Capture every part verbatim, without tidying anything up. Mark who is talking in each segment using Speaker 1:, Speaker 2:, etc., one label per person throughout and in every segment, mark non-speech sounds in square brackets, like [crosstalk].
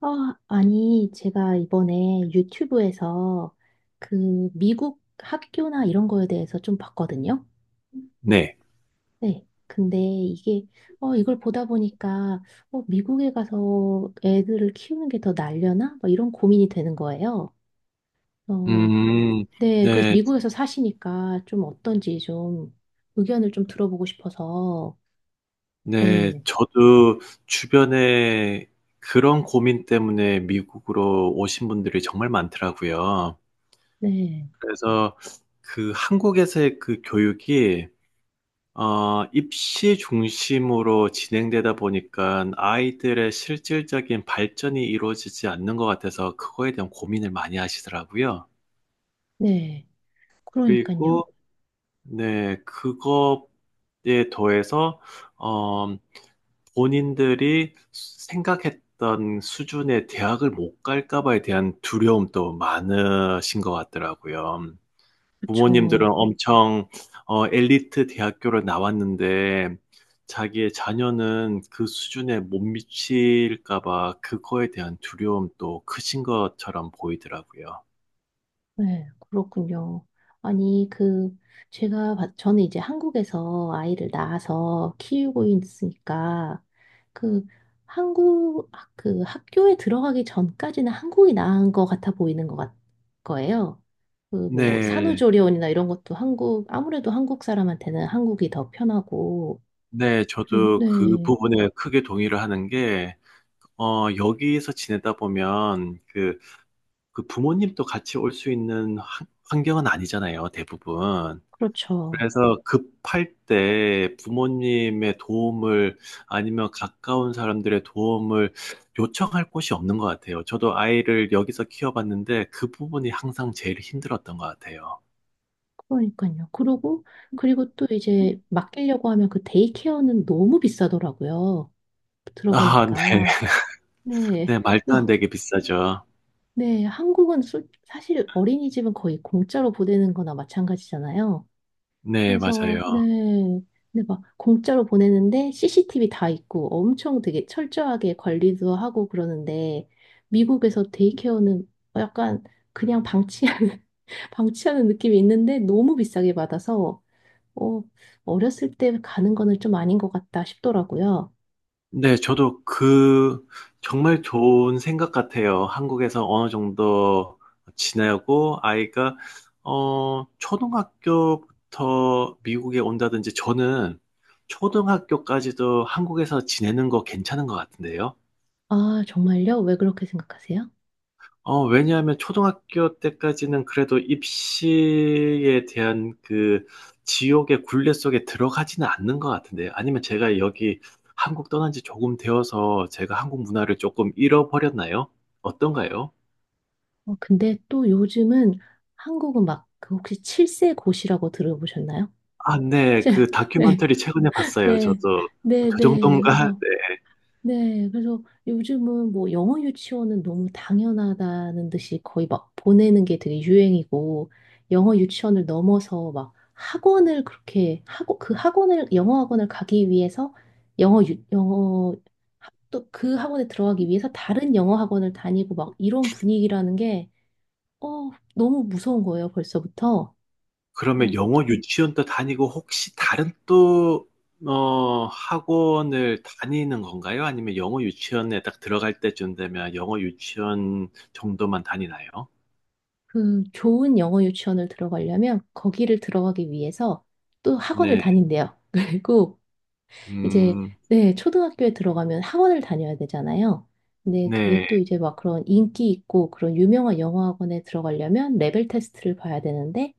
Speaker 1: 아, 아니, 제가 이번에 유튜브에서 그 미국 학교나 이런 거에 대해서 좀 봤거든요.
Speaker 2: 네.
Speaker 1: 네. 근데 이게, 어, 이걸 보다 보니까, 어, 미국에 가서 애들을 키우는 게 더 날려나? 막 이런 고민이 되는 거예요. 어,
Speaker 2: 음.
Speaker 1: 네. 그래서
Speaker 2: 네.
Speaker 1: 미국에서 사시니까 좀 어떤지 좀 의견을 좀 들어보고 싶어서,
Speaker 2: 네.
Speaker 1: 네.
Speaker 2: 저도 주변에 그런 고민 때문에 미국으로 오신 분들이 정말 많더라고요.
Speaker 1: 네.
Speaker 2: 그래서 그 한국에서의 그 교육이 어 입시 중심으로 진행되다 보니깐 아이들의 실질적인 발전이 이루어지지 않는 것 같아서 그거에 대한 고민을 많이 하시더라고요.
Speaker 1: 네.
Speaker 2: 그리고
Speaker 1: 그러니까요.
Speaker 2: 네, 그거에 더해서 어 본인들이 생각했던 수준의 대학을 못 갈까 봐에 대한 두려움도 많으신 것 같더라고요. 부모님들은
Speaker 1: 그렇죠.
Speaker 2: 엄청 어, 엘리트 대학교를 나왔는데 자기의 자녀는 그 수준에 못 미칠까 봐 그거에 대한 두려움도 크신 것처럼 보이더라고요.
Speaker 1: 네, 그렇군요. 아니, 그, 제가, 봤- 저는 이제 한국에서 아이를 낳아서 키우고 있으니까, 그, 한국, 학- 그 학교에 들어가기 전까지는 한국이 나은 것 같아 보이는 것 같, 거예요. 그, 뭐,
Speaker 2: 네,
Speaker 1: 산후조리원이나 이런 것도 한국, 아무래도 한국 사람한테는 한국이 더 편하고,
Speaker 2: 네,
Speaker 1: 그리고,
Speaker 2: 저도 그
Speaker 1: 네,
Speaker 2: 부분에 크게 동의를 하는 게 어, 여기서 지내다 보면 그 그 부모님도 같이 올 수 있는 환- 환경은 아니잖아요, 대부분.
Speaker 1: 그렇죠.
Speaker 2: 그래서 급할 때 부모님의 도움을 아니면 가까운 사람들의 도움을 요청할 곳이 없는 것 같아요. 저도 아이를 여기서 키워봤는데 그 부분이 항상 제일 힘들었던 것 같아요.
Speaker 1: 그러니까요. 그리고, 그리고 또 이제 맡기려고 하면 그 데이케어는 너무 비싸더라고요.
Speaker 2: 아, 네.
Speaker 1: 들어보니까. 네.
Speaker 2: 네, 말도 안
Speaker 1: 어,
Speaker 2: 되게 비싸죠.
Speaker 1: 네. 한국은 솔- 사실 어린이집은 거의 공짜로 보내는 거나 마찬가지잖아요.
Speaker 2: 네,
Speaker 1: 그래서,
Speaker 2: 맞아요.
Speaker 1: 네. 근데 막 공짜로 보내는데 씨씨티비 다 있고 엄청 되게 철저하게 관리도 하고 그러는데 미국에서 데이케어는 약간 그냥 방치하는, [laughs] 방치하는 느낌이 있는데 너무 비싸게 받아서 어, 어렸을 때 가는 거는 좀 아닌 것 같다 싶더라고요.
Speaker 2: 네, 저도 그 정말 좋은 생각 같아요. 한국에서 어느 정도 지내고 아이가 어 초등학교부터 미국에 온다든지 저는 초등학교까지도 한국에서 지내는 거 괜찮은 것 같은데요.
Speaker 1: 아, 정말요? 왜 그렇게 생각하세요?
Speaker 2: 어, 왜냐하면 초등학교 때까지는 그래도 입시에 대한 그 지옥의 굴레 속에 들어가지는 않는 것 같은데, 아니면 제가 여기 한국 떠난 지 조금 되어서 제가 한국 문화를 조금 잃어버렸나요? 어떤가요?
Speaker 1: 어, 근데 또 요즘은 한국은 막 그 혹시 칠세 고시라고 들어보셨나요?
Speaker 2: 아, 네.
Speaker 1: 칠-
Speaker 2: 그
Speaker 1: [laughs] 네,
Speaker 2: 다큐멘터리 최근에 봤어요.
Speaker 1: 네,
Speaker 2: 저도.
Speaker 1: 네,
Speaker 2: 저
Speaker 1: 네.
Speaker 2: 정도인가?
Speaker 1: 그래서
Speaker 2: 네.
Speaker 1: 네, 그래서 요즘은 뭐 영어 유치원은 너무 당연하다는 듯이 거의 막 보내는 게 되게 유행이고 영어 유치원을 넘어서 막 학원을 그렇게 하고 그 학원을 영어 학원을 가기 위해서 영어 유, 영어 또 그 학원에 들어가기 위해서 다른 영어 학원을 다니고 막 이런 분위기라는 게 어, 너무 무서운 거예요, 벌써부터.
Speaker 2: 그러면
Speaker 1: 어,
Speaker 2: 영어 유치원 도 다니고 혹시 다른 또, 어, 학원을 다니는 건가요? 아니면 영어 유치원에 딱 들어갈 때쯤 되면 영어 유치원 정도만 다니나요?
Speaker 1: 그 좋은 영어 유치원을 들어가려면 거기를 들어가기 위해서 또 학원을
Speaker 2: 네,
Speaker 1: 다닌대요. [laughs] 그리고 이제
Speaker 2: 음,
Speaker 1: 네, 초등학교에 들어가면 학원을 다녀야 되잖아요. 근데 그게
Speaker 2: 네,
Speaker 1: 또 이제 막 그런 인기 있고 그런 유명한 영어 학원에 들어가려면 레벨 테스트를 봐야 되는데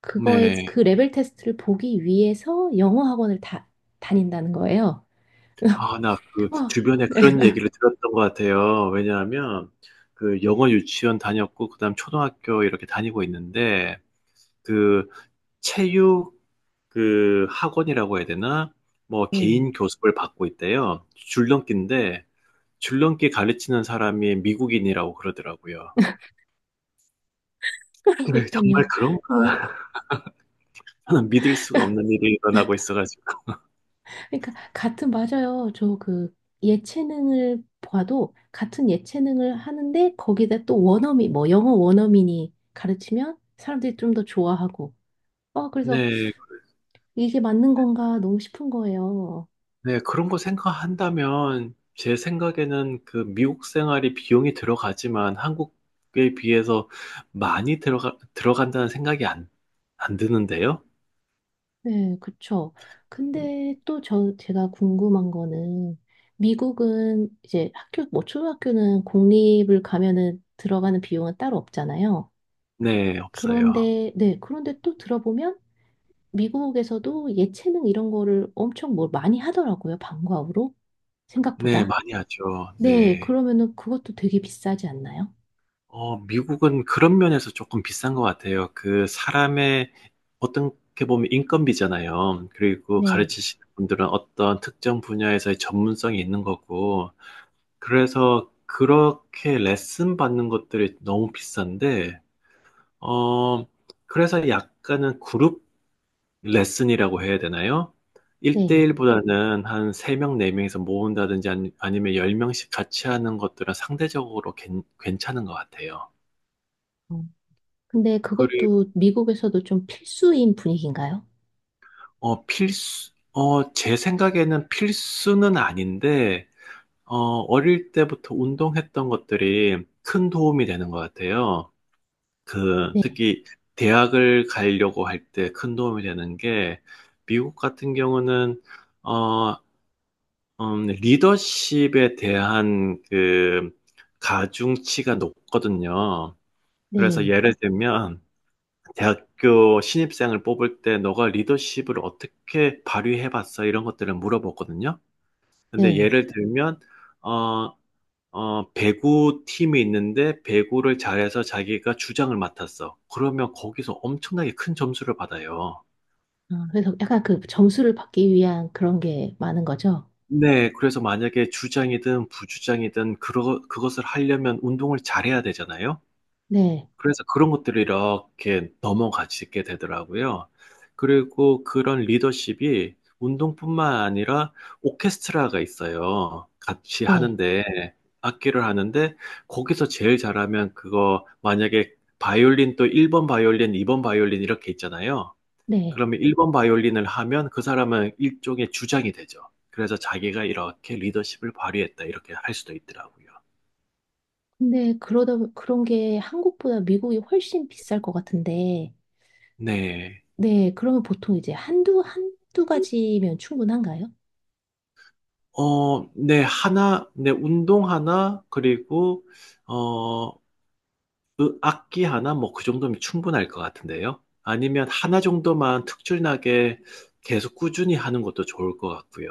Speaker 1: 그거에
Speaker 2: 네.
Speaker 1: 그 레벨 테스트를 보기 위해서 영어 학원을 다 다닌다는 거예요. [laughs]
Speaker 2: 아, 나 그
Speaker 1: 와,
Speaker 2: 주변에
Speaker 1: 네,
Speaker 2: 그런
Speaker 1: [laughs]
Speaker 2: 얘기를 들었던 것 같아요. 왜냐하면 그 영어 유치원 다녔고, 그다음 초등학교 이렇게 다니고 있는데, 그 체육 그 학원이라고 해야 되나? 뭐
Speaker 1: 네.
Speaker 2: 개인 교습을 받고 있대요. 줄넘기인데 줄넘기 가르치는 사람이 미국인이라고 그러더라고요. 네, 정말
Speaker 1: 그러니까요.
Speaker 2: 그런 거는 믿을 수가 없는 일이 일어나고 있어가지고.
Speaker 1: 그러니까 같은 맞아요. 저 그 예체능을 봐도 같은 예체능을 하는데 거기다 또 원어민 뭐 영어 원어민이 가르치면 사람들이 좀 더 좋아하고 어 그래서
Speaker 2: 네,
Speaker 1: 이게 맞는 건가 너무 싶은 거예요.
Speaker 2: 네, 그런 거 생각한다면 제 생각에는 그 미국 생활이 비용이 들어가지만 한국에 비해서 많이 들어가, 들어간다는 생각이 안, 안 드는데요?
Speaker 1: 네, 그쵸. 근데 또 저 제가 궁금한 거는 미국은 이제 학교 뭐 초등학교는 공립을 가면은 들어가는 비용은 따로 없잖아요.
Speaker 2: 네, 없어요.
Speaker 1: 그런데 네, 그런데 또 들어보면 미국에서도 예체능 이런 거를 엄청 뭐 많이 하더라고요. 방과후로.
Speaker 2: 네,
Speaker 1: 생각보다.
Speaker 2: 많이 하죠.
Speaker 1: 네,
Speaker 2: 네.
Speaker 1: 그러면은 그것도 되게 비싸지 않나요?
Speaker 2: 어, 미국은 그런 면에서 조금 비싼 것 같아요. 그 사람의 어떻게 보면 인건비잖아요. 그리고
Speaker 1: 네,
Speaker 2: 가르치시는 분들은 어떤 특정 분야에서의 전문성이 있는 거고. 그래서 그렇게 레슨 받는 것들이 너무 비싼데, 어, 그래서 약간은 그룹 레슨이라고 해야 되나요?
Speaker 1: 네.
Speaker 2: 일 대일보다는 한 세 명, 네 명에서 모은다든지 아니- 아니면 열 명씩 같이 하는 것들은 상대적으로 괜- 괜찮은 것 같아요.
Speaker 1: 어, 근데 그것도 미국에서도 좀 필수인 분위기인가요?
Speaker 2: 어, 필수, 어, 제 생각에는 필수는 아닌데, 어, 어릴 때부터 운동했던 것들이 큰 도움이 되는 것 같아요. 그,
Speaker 1: 네,
Speaker 2: 특히 대학을 가려고 할 때 큰 도움이 되는 게, 미국 같은 경우는, 어, 음, 리더십에 대한 그, 가중치가 높거든요. 그래서
Speaker 1: 네,
Speaker 2: 예를 들면, 대학교 신입생을 뽑을 때 너가 리더십을 어떻게 발휘해봤어? 이런 것들을 물어보거든요. 근데
Speaker 1: 네.
Speaker 2: 예를 들면, 어, 어, 배구 팀이 있는데 배구를 잘해서 자기가 주장을 맡았어. 그러면 거기서 엄청나게 큰 점수를 받아요.
Speaker 1: 어, 그래서 약간 그 점수를 받기 위한 그런 게 많은 거죠?
Speaker 2: 네, 그래서 만약에 주장이든 부주장이든 그러, 그것을 하려면 운동을 잘해야 되잖아요.
Speaker 1: 네,
Speaker 2: 그래서 그런 것들이 이렇게 넘어가지게 되더라고요. 그리고 그런 리더십이 운동뿐만 아니라 오케스트라가 있어요. 같이
Speaker 1: 네,
Speaker 2: 하는데, 악기를 하는데, 거기서 제일 잘하면 그거 만약에 바이올린 또 일 번 바이올린, 이 번 바이올린 이렇게 있잖아요.
Speaker 1: 네.
Speaker 2: 그러면 일 번 바이올린을 하면 그 사람은 일종의 주장이 되죠. 그래서 자기가 이렇게 리더십을 발휘했다, 이렇게 할 수도 있더라고요.
Speaker 1: 근데 그러다, 그런 게 한국보다 미국이 훨씬 비쌀 것 같은데,
Speaker 2: 네.
Speaker 1: 네, 그러면 보통 이제 한두, 한두 가지면 충분한가요?
Speaker 2: 어, 네, 하나, 네, 운동 하나, 그리고, 어, 으- 악기 하나, 뭐, 그 정도면 충분할 것 같은데요. 아니면 하나 정도만 특출나게 계속 꾸준히 하는 것도 좋을 것 같고요.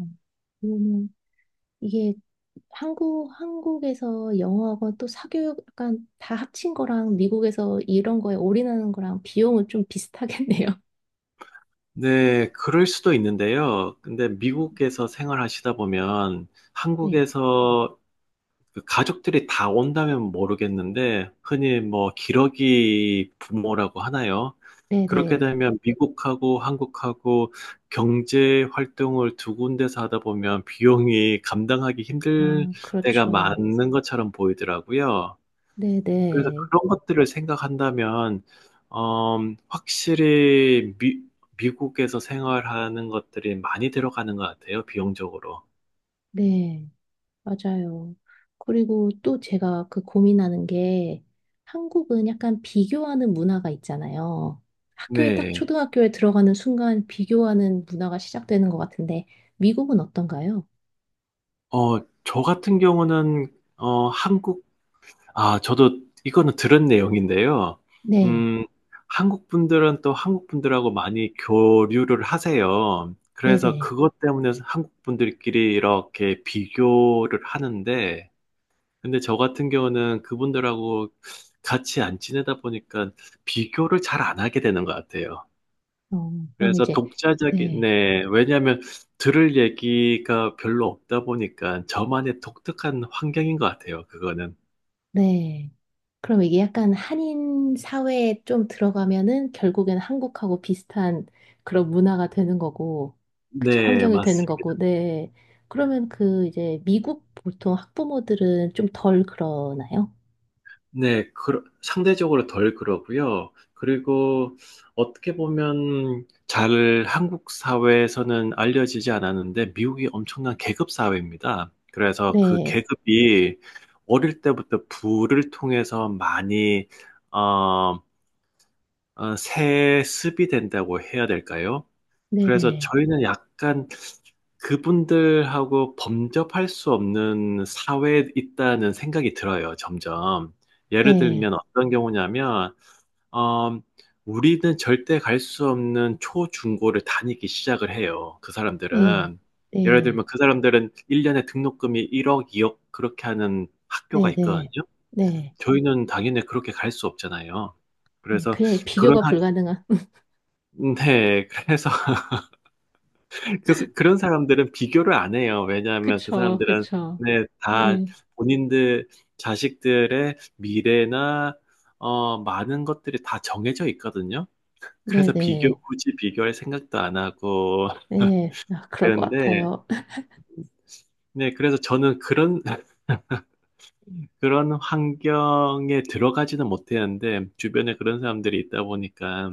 Speaker 1: 음, 그러면 이게 한국, 한국에서 영어하고 또 사교육 약간 다 합친 거랑 미국에서 이런 거에 올인하는 거랑 비용은 좀 비슷하겠네요. [laughs]
Speaker 2: 네, 그럴 수도 있는데요. 근데 미국에서 생활하시다 보면 네.
Speaker 1: 네.
Speaker 2: 한국에서 그 가족들이 다 온다면 모르겠는데, 흔히 뭐 기러기 부모라고 하나요? 그렇게
Speaker 1: 네네.
Speaker 2: 되면 미국하고 한국하고 경제 활동을 두 군데서 하다 보면 비용이 감당하기 힘들
Speaker 1: 아,
Speaker 2: 때가
Speaker 1: 그렇죠.
Speaker 2: 많은 것처럼 보이더라고요. 그래서
Speaker 1: 네네.
Speaker 2: 그런 것들을 생각한다면, 음, 확실히 미, 미국에서 생활하는 것들이 많이 들어가는 것 같아요, 비용적으로.
Speaker 1: 네. 맞아요. 그리고 또 제가 그 고민하는 게 한국은 약간 비교하는 문화가 있잖아요. 학교에 딱
Speaker 2: 네.
Speaker 1: 초등학교에 들어가는 순간 비교하는 문화가 시작되는 것 같은데 미국은 어떤가요?
Speaker 2: 어, 저 같은 경우는, 어, 한국, 아, 저도 이거는 들은 내용인데요.
Speaker 1: 네.
Speaker 2: 음, 한국 분들은 또 한국 분들하고 많이 교류를 하세요. 그래서
Speaker 1: 네네.
Speaker 2: 그것 때문에 한국 분들끼리 이렇게 비교를 하는데, 근데 저 같은 경우는 그분들하고 같이 안 지내다 보니까 비교를 잘 안 하게 되는 것 같아요.
Speaker 1: 어, 그럼
Speaker 2: 그래서
Speaker 1: 이제,
Speaker 2: 독자적인,
Speaker 1: 네,
Speaker 2: 네. 왜냐하면 들을 얘기가 별로 없다 보니까 저만의 독특한 환경인 것 같아요. 그거는.
Speaker 1: 네. 그럼 이게 약간 한인 사회에 좀 들어가면은 결국엔 한국하고 비슷한 그런 문화가 되는 거고, 그쵸,
Speaker 2: 네,
Speaker 1: 환경이 되는 거고,
Speaker 2: 맞습니다.
Speaker 1: 네. 그러면 그 이제 미국 보통 학부모들은 좀 덜 그러나요?
Speaker 2: 네, 그, 상대적으로 덜 그러고요. 그리고 어떻게 보면 잘 한국 사회에서는 알려지지 않았는데 미국이 엄청난 계급 사회입니다. 그래서 그
Speaker 1: 네,
Speaker 2: 계급이 어릴 때부터 부를 통해서 많이 어, 어, 세습이 된다고 해야 될까요?
Speaker 1: 네
Speaker 2: 그래서
Speaker 1: 네,
Speaker 2: 저희는 약간 그분들하고 범접할 수 없는 사회에 있다는 생각이 들어요, 점점. 예를
Speaker 1: 네,
Speaker 2: 들면 어떤 경우냐면, 어, 우리는 절대 갈 수 없는 초중고를 다니기 시작을 해요, 그
Speaker 1: 네,
Speaker 2: 사람들은. 예를
Speaker 1: 네,
Speaker 2: 들면 그 사람들은 일 년에 등록금이 일억, 이억 그렇게 하는 학교가
Speaker 1: 네네, 네,
Speaker 2: 있거든요.
Speaker 1: 네.
Speaker 2: 저희는 당연히 그렇게 갈 수 없잖아요.
Speaker 1: 네.
Speaker 2: 그래서
Speaker 1: 그냥
Speaker 2: 그런
Speaker 1: 비교가
Speaker 2: 학,
Speaker 1: 불가능한. [laughs]
Speaker 2: 네, 그래서 그, 그런 사람들은 비교를 안 해요. 왜냐하면 그
Speaker 1: 그쵸,
Speaker 2: 사람들은
Speaker 1: 그쵸.
Speaker 2: 네, 다
Speaker 1: 네,
Speaker 2: 본인들 자식들의 미래나 어, 많은 것들이 다 정해져 있거든요.
Speaker 1: 네네,
Speaker 2: 그래서 비교
Speaker 1: 네.
Speaker 2: 굳이 비교할 생각도 안 하고
Speaker 1: 네. 아,
Speaker 2: [laughs]
Speaker 1: 그럴 것
Speaker 2: 그런데
Speaker 1: 같아요.
Speaker 2: 네, 그래서 저는 그런 그런 환경에 들어가지는 못했는데 주변에 그런 사람들이 있다 보니까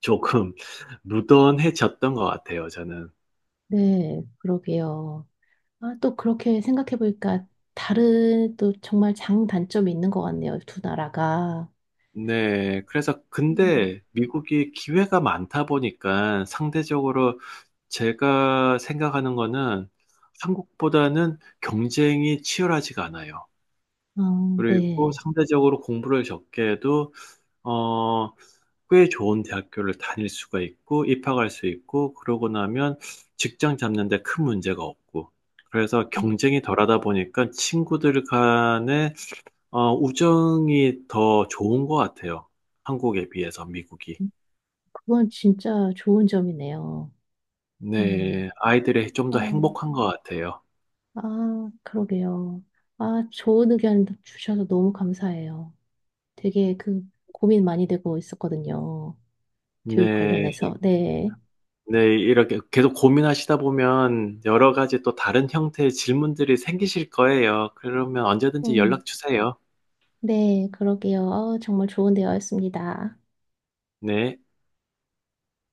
Speaker 2: 조금 [laughs] 무던해졌던 것 같아요. 저는.
Speaker 1: 네, 그러게요. 아, 또 그렇게 생각해 보니까 다른 또 정말 장단점이 있는 것 같네요. 두 나라가.
Speaker 2: 네, 그래서
Speaker 1: 음,
Speaker 2: 근데 미국이 기회가 많다 보니까 상대적으로 제가 생각하는 거는 한국보다는 경쟁이 치열하지가 않아요.
Speaker 1: 아,
Speaker 2: 그리고
Speaker 1: 네.
Speaker 2: 상대적으로 공부를 적게 해도 어, 꽤 좋은 대학교를 다닐 수가 있고 입학할 수 있고 그러고 나면 직장 잡는 데 큰 문제가 없고 그래서
Speaker 1: 음,
Speaker 2: 경쟁이 덜하다 보니까 친구들 간에 어, 우정이 더 좋은 것 같아요. 한국에 비해서 미국이.
Speaker 1: 음. 그건 진짜 좋은 점이네요. 네.
Speaker 2: 네, 아이들이 좀 더
Speaker 1: 아,
Speaker 2: 행복한 것 같아요.
Speaker 1: 아, 그러게요. 아, 좋은 의견 주셔서 너무 감사해요. 되게 그 고민 많이 되고 있었거든요. 교육
Speaker 2: 네,
Speaker 1: 관련해서. 네.
Speaker 2: 네, 이렇게 계속 고민하시다 보면 여러 가지 또 다른 형태의 질문들이 생기실 거예요. 그러면 언제든지
Speaker 1: 음.
Speaker 2: 연락 주세요.
Speaker 1: 네, 그러게요. 어, 정말 좋은 대화였습니다.
Speaker 2: 네.